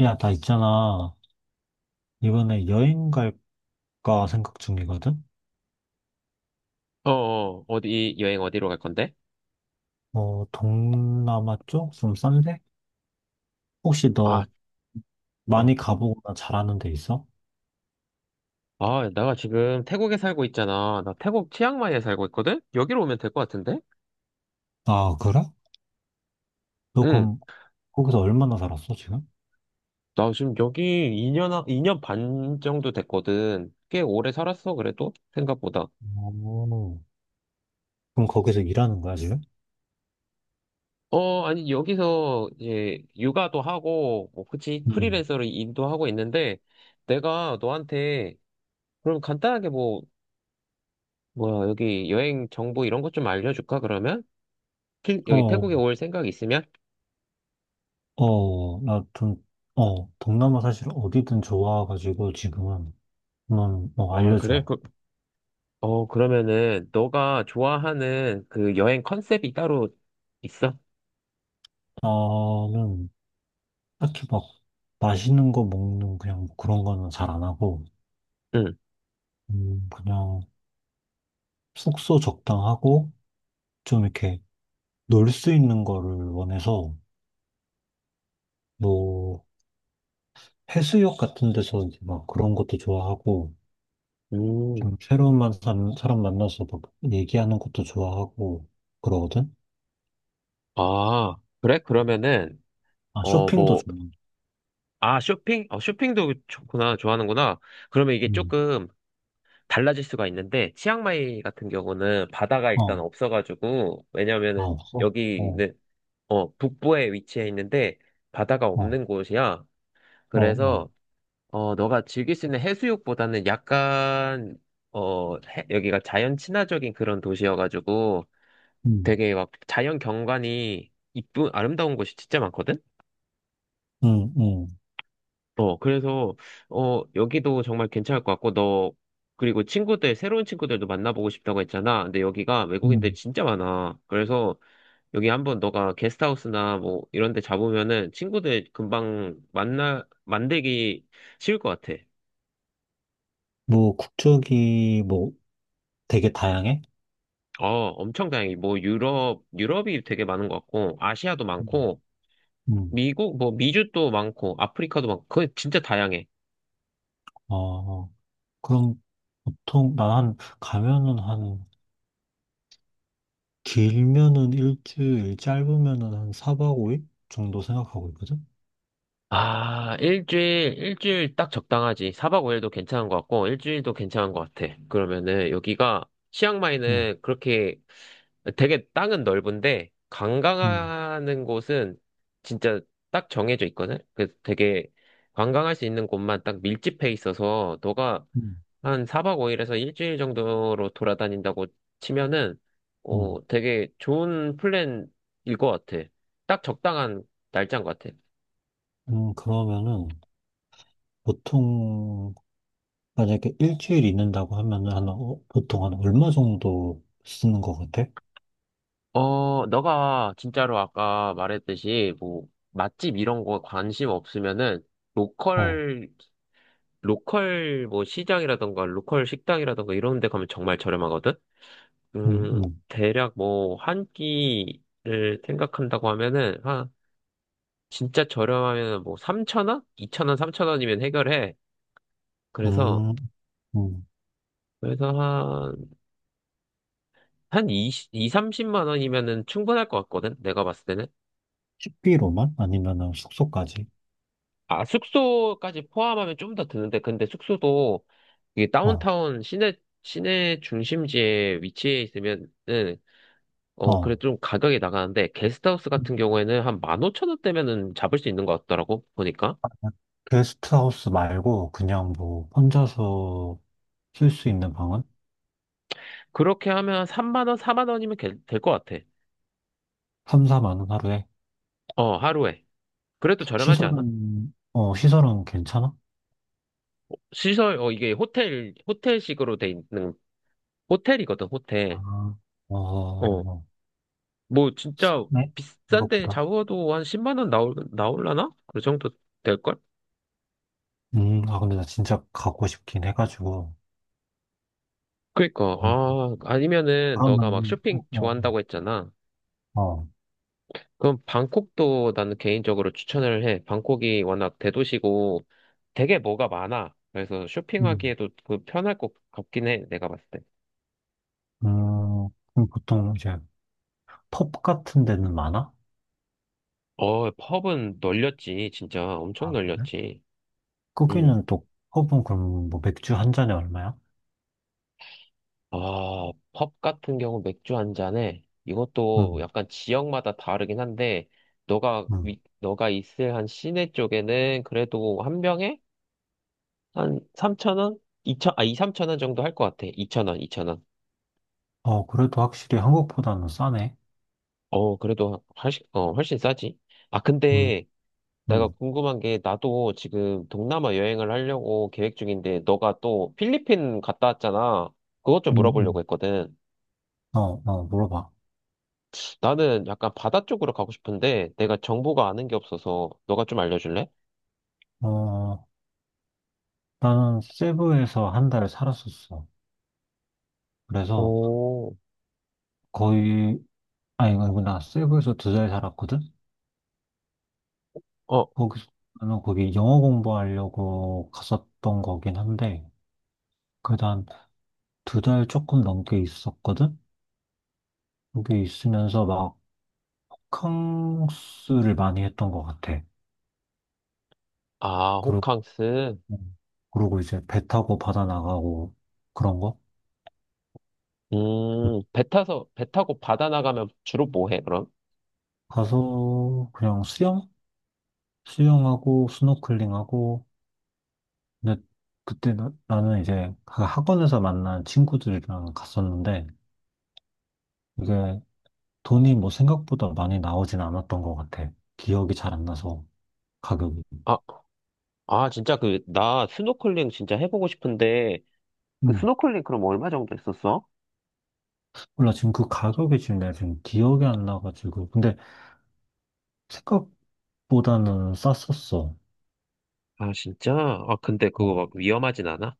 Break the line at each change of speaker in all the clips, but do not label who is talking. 야, 나 있잖아. 이번에 여행 갈까 생각 중이거든?
어디, 여행 어디로 갈 건데?
어, 동남아 쪽? 좀 싼데? 혹시 너
아, 어.
많이 가보거나 잘하는 데 있어?
아, 내가 지금 태국에 살고 있잖아. 나 태국 치앙마이에 살고 있거든? 여기로 오면 될 것 같은데?
아, 그래? 너
응.
그럼 거기서 얼마나 살았어, 지금?
나 지금 여기 2년, 이 년 반 정도 됐거든. 꽤 오래 살았어, 그래도? 생각보다.
오. 그럼 거기서 일하는 거야, 지금?
어, 아니, 여기서 이제 육아도 하고, 뭐, 그치,
응.
프리랜서로 일도 하고 있는데, 내가 너한테, 그럼 간단하게 뭐, 뭐야, 여기 여행 정보 이런 것 좀 알려줄까, 그러면? 여기
어,
태국에 올 생각 있으면?
어, 동남아 사실 어디든 좋아가지고 지금은, 한번 뭐
아, 그래?
알려줘.
어, 그러면은, 너가 좋아하는 그 여행 컨셉이 따로 있어?
나는 딱히 막 맛있는 거 먹는 그냥 뭐 그런 거는 잘 안 하고,
응.
그냥 숙소 적당하고 좀 이렇게 놀 수 있는 거를 원해서 뭐 해수욕 같은 데서 이제 막 그런 것도 좋아하고
음.
좀 새로운 사람 만나서 막 얘기하는 것도 좋아하고 그러거든.
아, 그래? 그러면은,
아
어,
쇼핑도
뭐,
좋아.
아, 쇼핑? 어, 쇼핑도 좋구나, 좋아하는구나. 그러면 이게
음,
조금 달라질 수가 있는데, 치앙마이 같은 경우는 바다가
어,
일단 없어가지고,
아
왜냐면은
없어. 어,
여기는, 어, 북부에 위치해 있는데, 바다가
어,
없는 곳이야.
어, 어.
그래서, 어, 너가 즐길 수 있는 해수욕보다는 약간, 어, 여기가 자연 친화적인 그런 도시여가지고
음,
되게 막 자연 경관이 이쁜, 아름다운 곳이 진짜 많거든?
음, 음,
어, 그래서, 어, 여기도 정말 괜찮을 것 같고, 너, 그리고 친구들, 새로운 친구들도 만나보고 싶다고 했잖아. 근데 여기가 외국인들이
음.
진짜 많아. 그래서 여기 한번 너가 게스트하우스나 뭐 이런 데 잡으면은 친구들 금방 만들기 쉬울 것 같아.
뭐 국적이 뭐 되게 다양해.
어, 엄청 다양해. 뭐 유럽이 되게 많은 것 같고, 아시아도
음,
많고,
음.
미국, 뭐 미주도 많고, 아프리카도 많고, 그거 진짜 다양해.
어, 그럼 보통 나한 가면은 길면은 일주일, 짧으면은 한 4박 5일 정도 생각하고 있거든?
아, 일주일 딱 적당하지. 사박오일도 괜찮은 것 같고, 일주일도 괜찮은 것 같아. 그러면은 여기가,
응,
치앙마이는 그렇게 되게 땅은 넓은데,
응,
관광하는 곳은 진짜 딱 정해져 있거든? 그래서 되게 관광할 수 있는 곳만 딱 밀집해 있어서, 너가
응,
한 4박 5일에서 일주일 정도로 돌아다닌다고 치면은,
응.
어, 되게 좋은 플랜일 것 같아. 딱 적당한 날짜인 것 같아.
그러면은 보통, 만약에 일주일 있는다고 하면은 한, 보통 한 얼마 정도 쓰는 것 같아?
어, 너가 진짜로 아까 말했듯이, 뭐, 맛집 이런 거 관심 없으면은,
어,
로컬, 로컬 뭐 시장이라던가, 로컬 식당이라던가 이런 데 가면 정말 저렴하거든?
응, 응,
대략 뭐, 한 끼를 생각한다고 하면은, 진짜 저렴하면 뭐3천 원2천 원3천 원이면 해결해. 그래서,
음, 음.
그래서 한, 한2이 2, 30만 원이면은 충분할 것 같거든? 내가 봤을 때는.
식비로만? 아니면은 숙소까지?
아, 숙소까지 포함하면 좀 더 드는데, 근데 숙소도 이게
어,
시내 중심지에 위치해 있으면은, 어, 그래
어.
좀 가격이 나가는데, 게스트하우스 같은
음,
경우에는 한 15,000원대면은 잡을 수 있는 것 같더라고, 보니까.
게스트하우스 말고 그냥 뭐 혼자서 쓸 수
음.
있는 방은?
그렇게 하면 3만 원, 4만 원이면 될 것 같아.
3, 4만 원 하루에?
어, 하루에. 그래도 저렴하지 않아?
시설은 괜찮아?
시설, 어, 이게 호텔식으로 돼 있는, 호텔이거든,
아,
호텔.
어,
어,
어,
뭐, 진짜,
네?
비싼데
생각보다.
잡아도 한 10만 원 나올라나? 그 정도 될걸?
아, 근데 나 진짜 가고 싶긴 해가지고.
그니까,
음,
아, 아니면은, 너가 막
그러면,
쇼핑 좋아한다고 했잖아.
어, 어,
그럼 방콕도 나는 개인적으로 추천을 해. 방콕이 워낙 대도시고 되게 뭐가 많아. 그래서
음,
쇼핑하기에도 그 편할 것 같긴 해, 내가 봤을 때.
음, 그럼 보통 이제 펍 같은 데는 많아?
어, 펍은 널렸지, 진짜. 엄청
아, 그래?
널렸지. 응.
거기는 또, 펍은 그럼 뭐 맥주 한 잔에 얼마야?
아, 펍 같은 경우 맥주 한 잔에 이것도
음,
약간 지역마다 다르긴 한데
음.
너가 있을 한 시내 쪽에는 그래도 한 병에 한 3천 원? 2천 아, 이 3천 원 정도 할 것 같아. 2천 원, 2천 원.
어, 그래도 확실히 한국보다는 싸네.
어, 그래도 훨씬 싸지. 아,
음,
근데 내가
음,
궁금한 게 나도 지금 동남아 여행을 하려고 계획 중인데 너가 또 필리핀 갔다 왔잖아. 그것 좀
음,
물어보려고
음.
했거든.
어, 어, 물어봐.
나는 약간 바다 쪽으로 가고 싶은데 내가 정보가 아는 게 없어서 너가 좀 알려줄래?
어, 나는 세부에서 1달 살았었어. 그래서
오,
거의, 아니, 이거 나 세부에서 2달 살았거든?
어,
거기서, 나는 거기 영어 공부하려고 갔었던 거긴 한데, 그다음 2달 조금 넘게 있었거든? 거기 있으면서 막캉스를 많이 했던 것 같아.
아,
그리고,
호캉스.
그러고 이제 배 타고 바다 나가고 그런 거? 음.
배 타고 바다 나가면 주로 뭐 해, 그럼?
가서 그냥 수영? 수영하고 스노클링하고, 근데 그때 나는 이제 그 학원에서 만난 친구들이랑 갔었는데, 이게 돈이 뭐 생각보다 많이 나오진 않았던 것 같아. 기억이 잘 안 나서 가격이.
아, 아, 진짜 그, 나 스노클링 진짜 해보고 싶은데 그
음.
스노클링 그럼 얼마 정도 했었어?
몰라 지금 그 가격이 지금 내가 지금 기억이 안 나가지고. 근데 생각보다는 쌌었어.
아, 진짜? 아, 근데 그거
어,
막 위험하진 않아?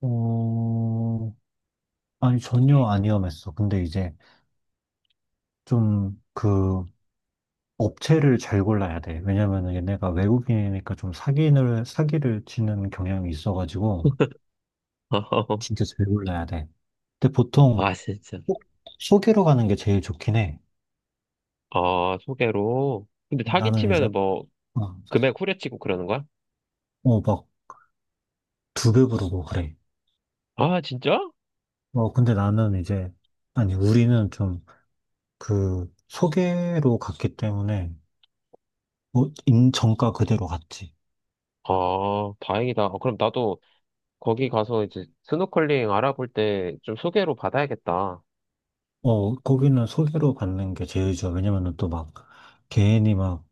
어, 아니 전혀 안 위험했어. 근데 이제 좀 그 업체를 잘 골라야 돼. 왜냐면은 얘네가 외국인이니까 좀 사기를 치는 경향이 있어가지고 진짜 잘 골라야 돼. 근데 보통
아, 진짜.
꼭 소개로 가는 게 제일 좋긴 해.
아, 소개로. 근데
어,
사기
나는 이제,
치면은 뭐
어,
금액 후려치고 그러는 거야?
어, 막, 2배 부르고 그래.
아, 진짜?
어, 근데 아니, 우리는 좀, 소개로 갔기 때문에, 정가 그대로 갔지.
아, 다행이다. 어, 그럼 나도 거기 가서 이제 스노클링 알아볼 때 좀 소개로 받아야겠다.
어, 거기는 소개로 받는 게 제일 좋아. 왜냐면은 또 막, 괜히 막,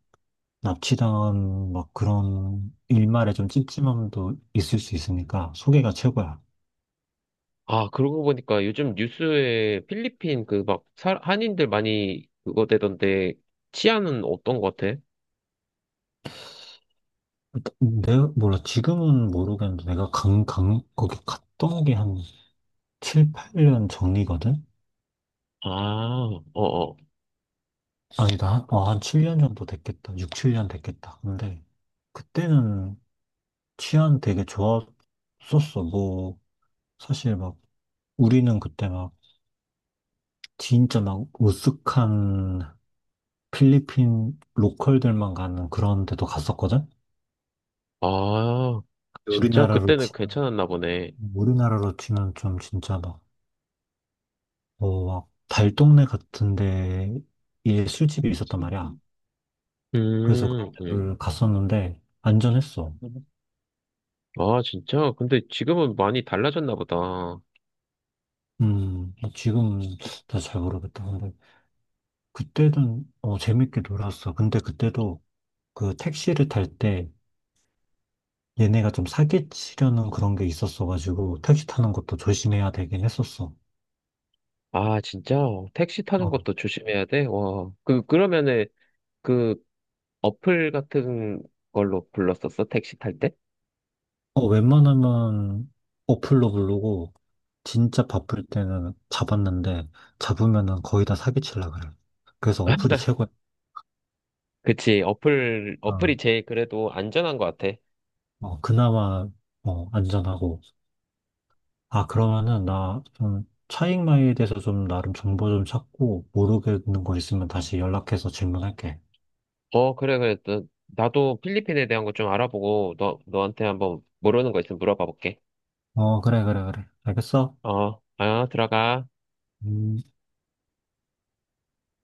납치당한, 막 그런, 일말에 좀 찝찝함도 있을 수 있으니까, 소개가 최고야.
아, 그러고 보니까 요즘 뉴스에 필리핀 그 막 한인들 많이 그거 되던데 치안은 어떤 것 같아?
내가, 몰라, 지금은 모르겠는데, 내가 거기 갔던 게 한 7, 8년 전이거든?
아, 어어.
아니다. 한 7년 정도 됐겠다. 6, 7년 됐겠다. 근데 그때는 치안 되게 좋았었어. 뭐 사실 막 우리는 그때 막 진짜 막 으슥한 필리핀 로컬들만 가는 그런 데도 갔었거든.
아, 진짜?
우리나라로
그때는
치면
괜찮았나 보네.
우리나라로 치면 좀 진짜 막 어막 달동네 같은 데에 술집이 있었단 말이야.
그치.
그래서 그런
음, 음.
데를 갔었는데 안전했어.
아, 진짜? 근데 지금은 많이 달라졌나 보다.
지금 다 잘 모르겠다. 근데 그때는 재밌게 놀았어. 근데 그때도 그 택시를 탈 때 얘네가 좀 사기치려는 그런 게 있었어가지고 택시 타는 것도 조심해야 되긴 했었어.
아, 진짜? 택시 타는
어,
것도 조심해야 돼? 와. 그러면은, 그, 어플 같은 걸로 불렀었어? 택시 탈 때?
어, 웬만하면 어플로 부르고 진짜 바쁠 때는 잡았는데 잡으면은 거의 다 사기치려 그래. 그래서 어플이 최고야.
그치,
어,
어플이 제일 그래도 안전한 것 같아.
어, 그나마 안전하고. 아, 그러면은 나 좀 차익마이에 대해서 좀 나름 정보 좀 찾고 모르겠는 거 있으면 다시 연락해서 질문할게.
어, 그래, 그래. 나도 필리핀에 대한 거 좀 알아보고, 너한테 한번 모르는 거 있으면 물어봐 볼게.
어, 그래, 그래, 그래. 알겠어.
어, 아, 들어가.
음.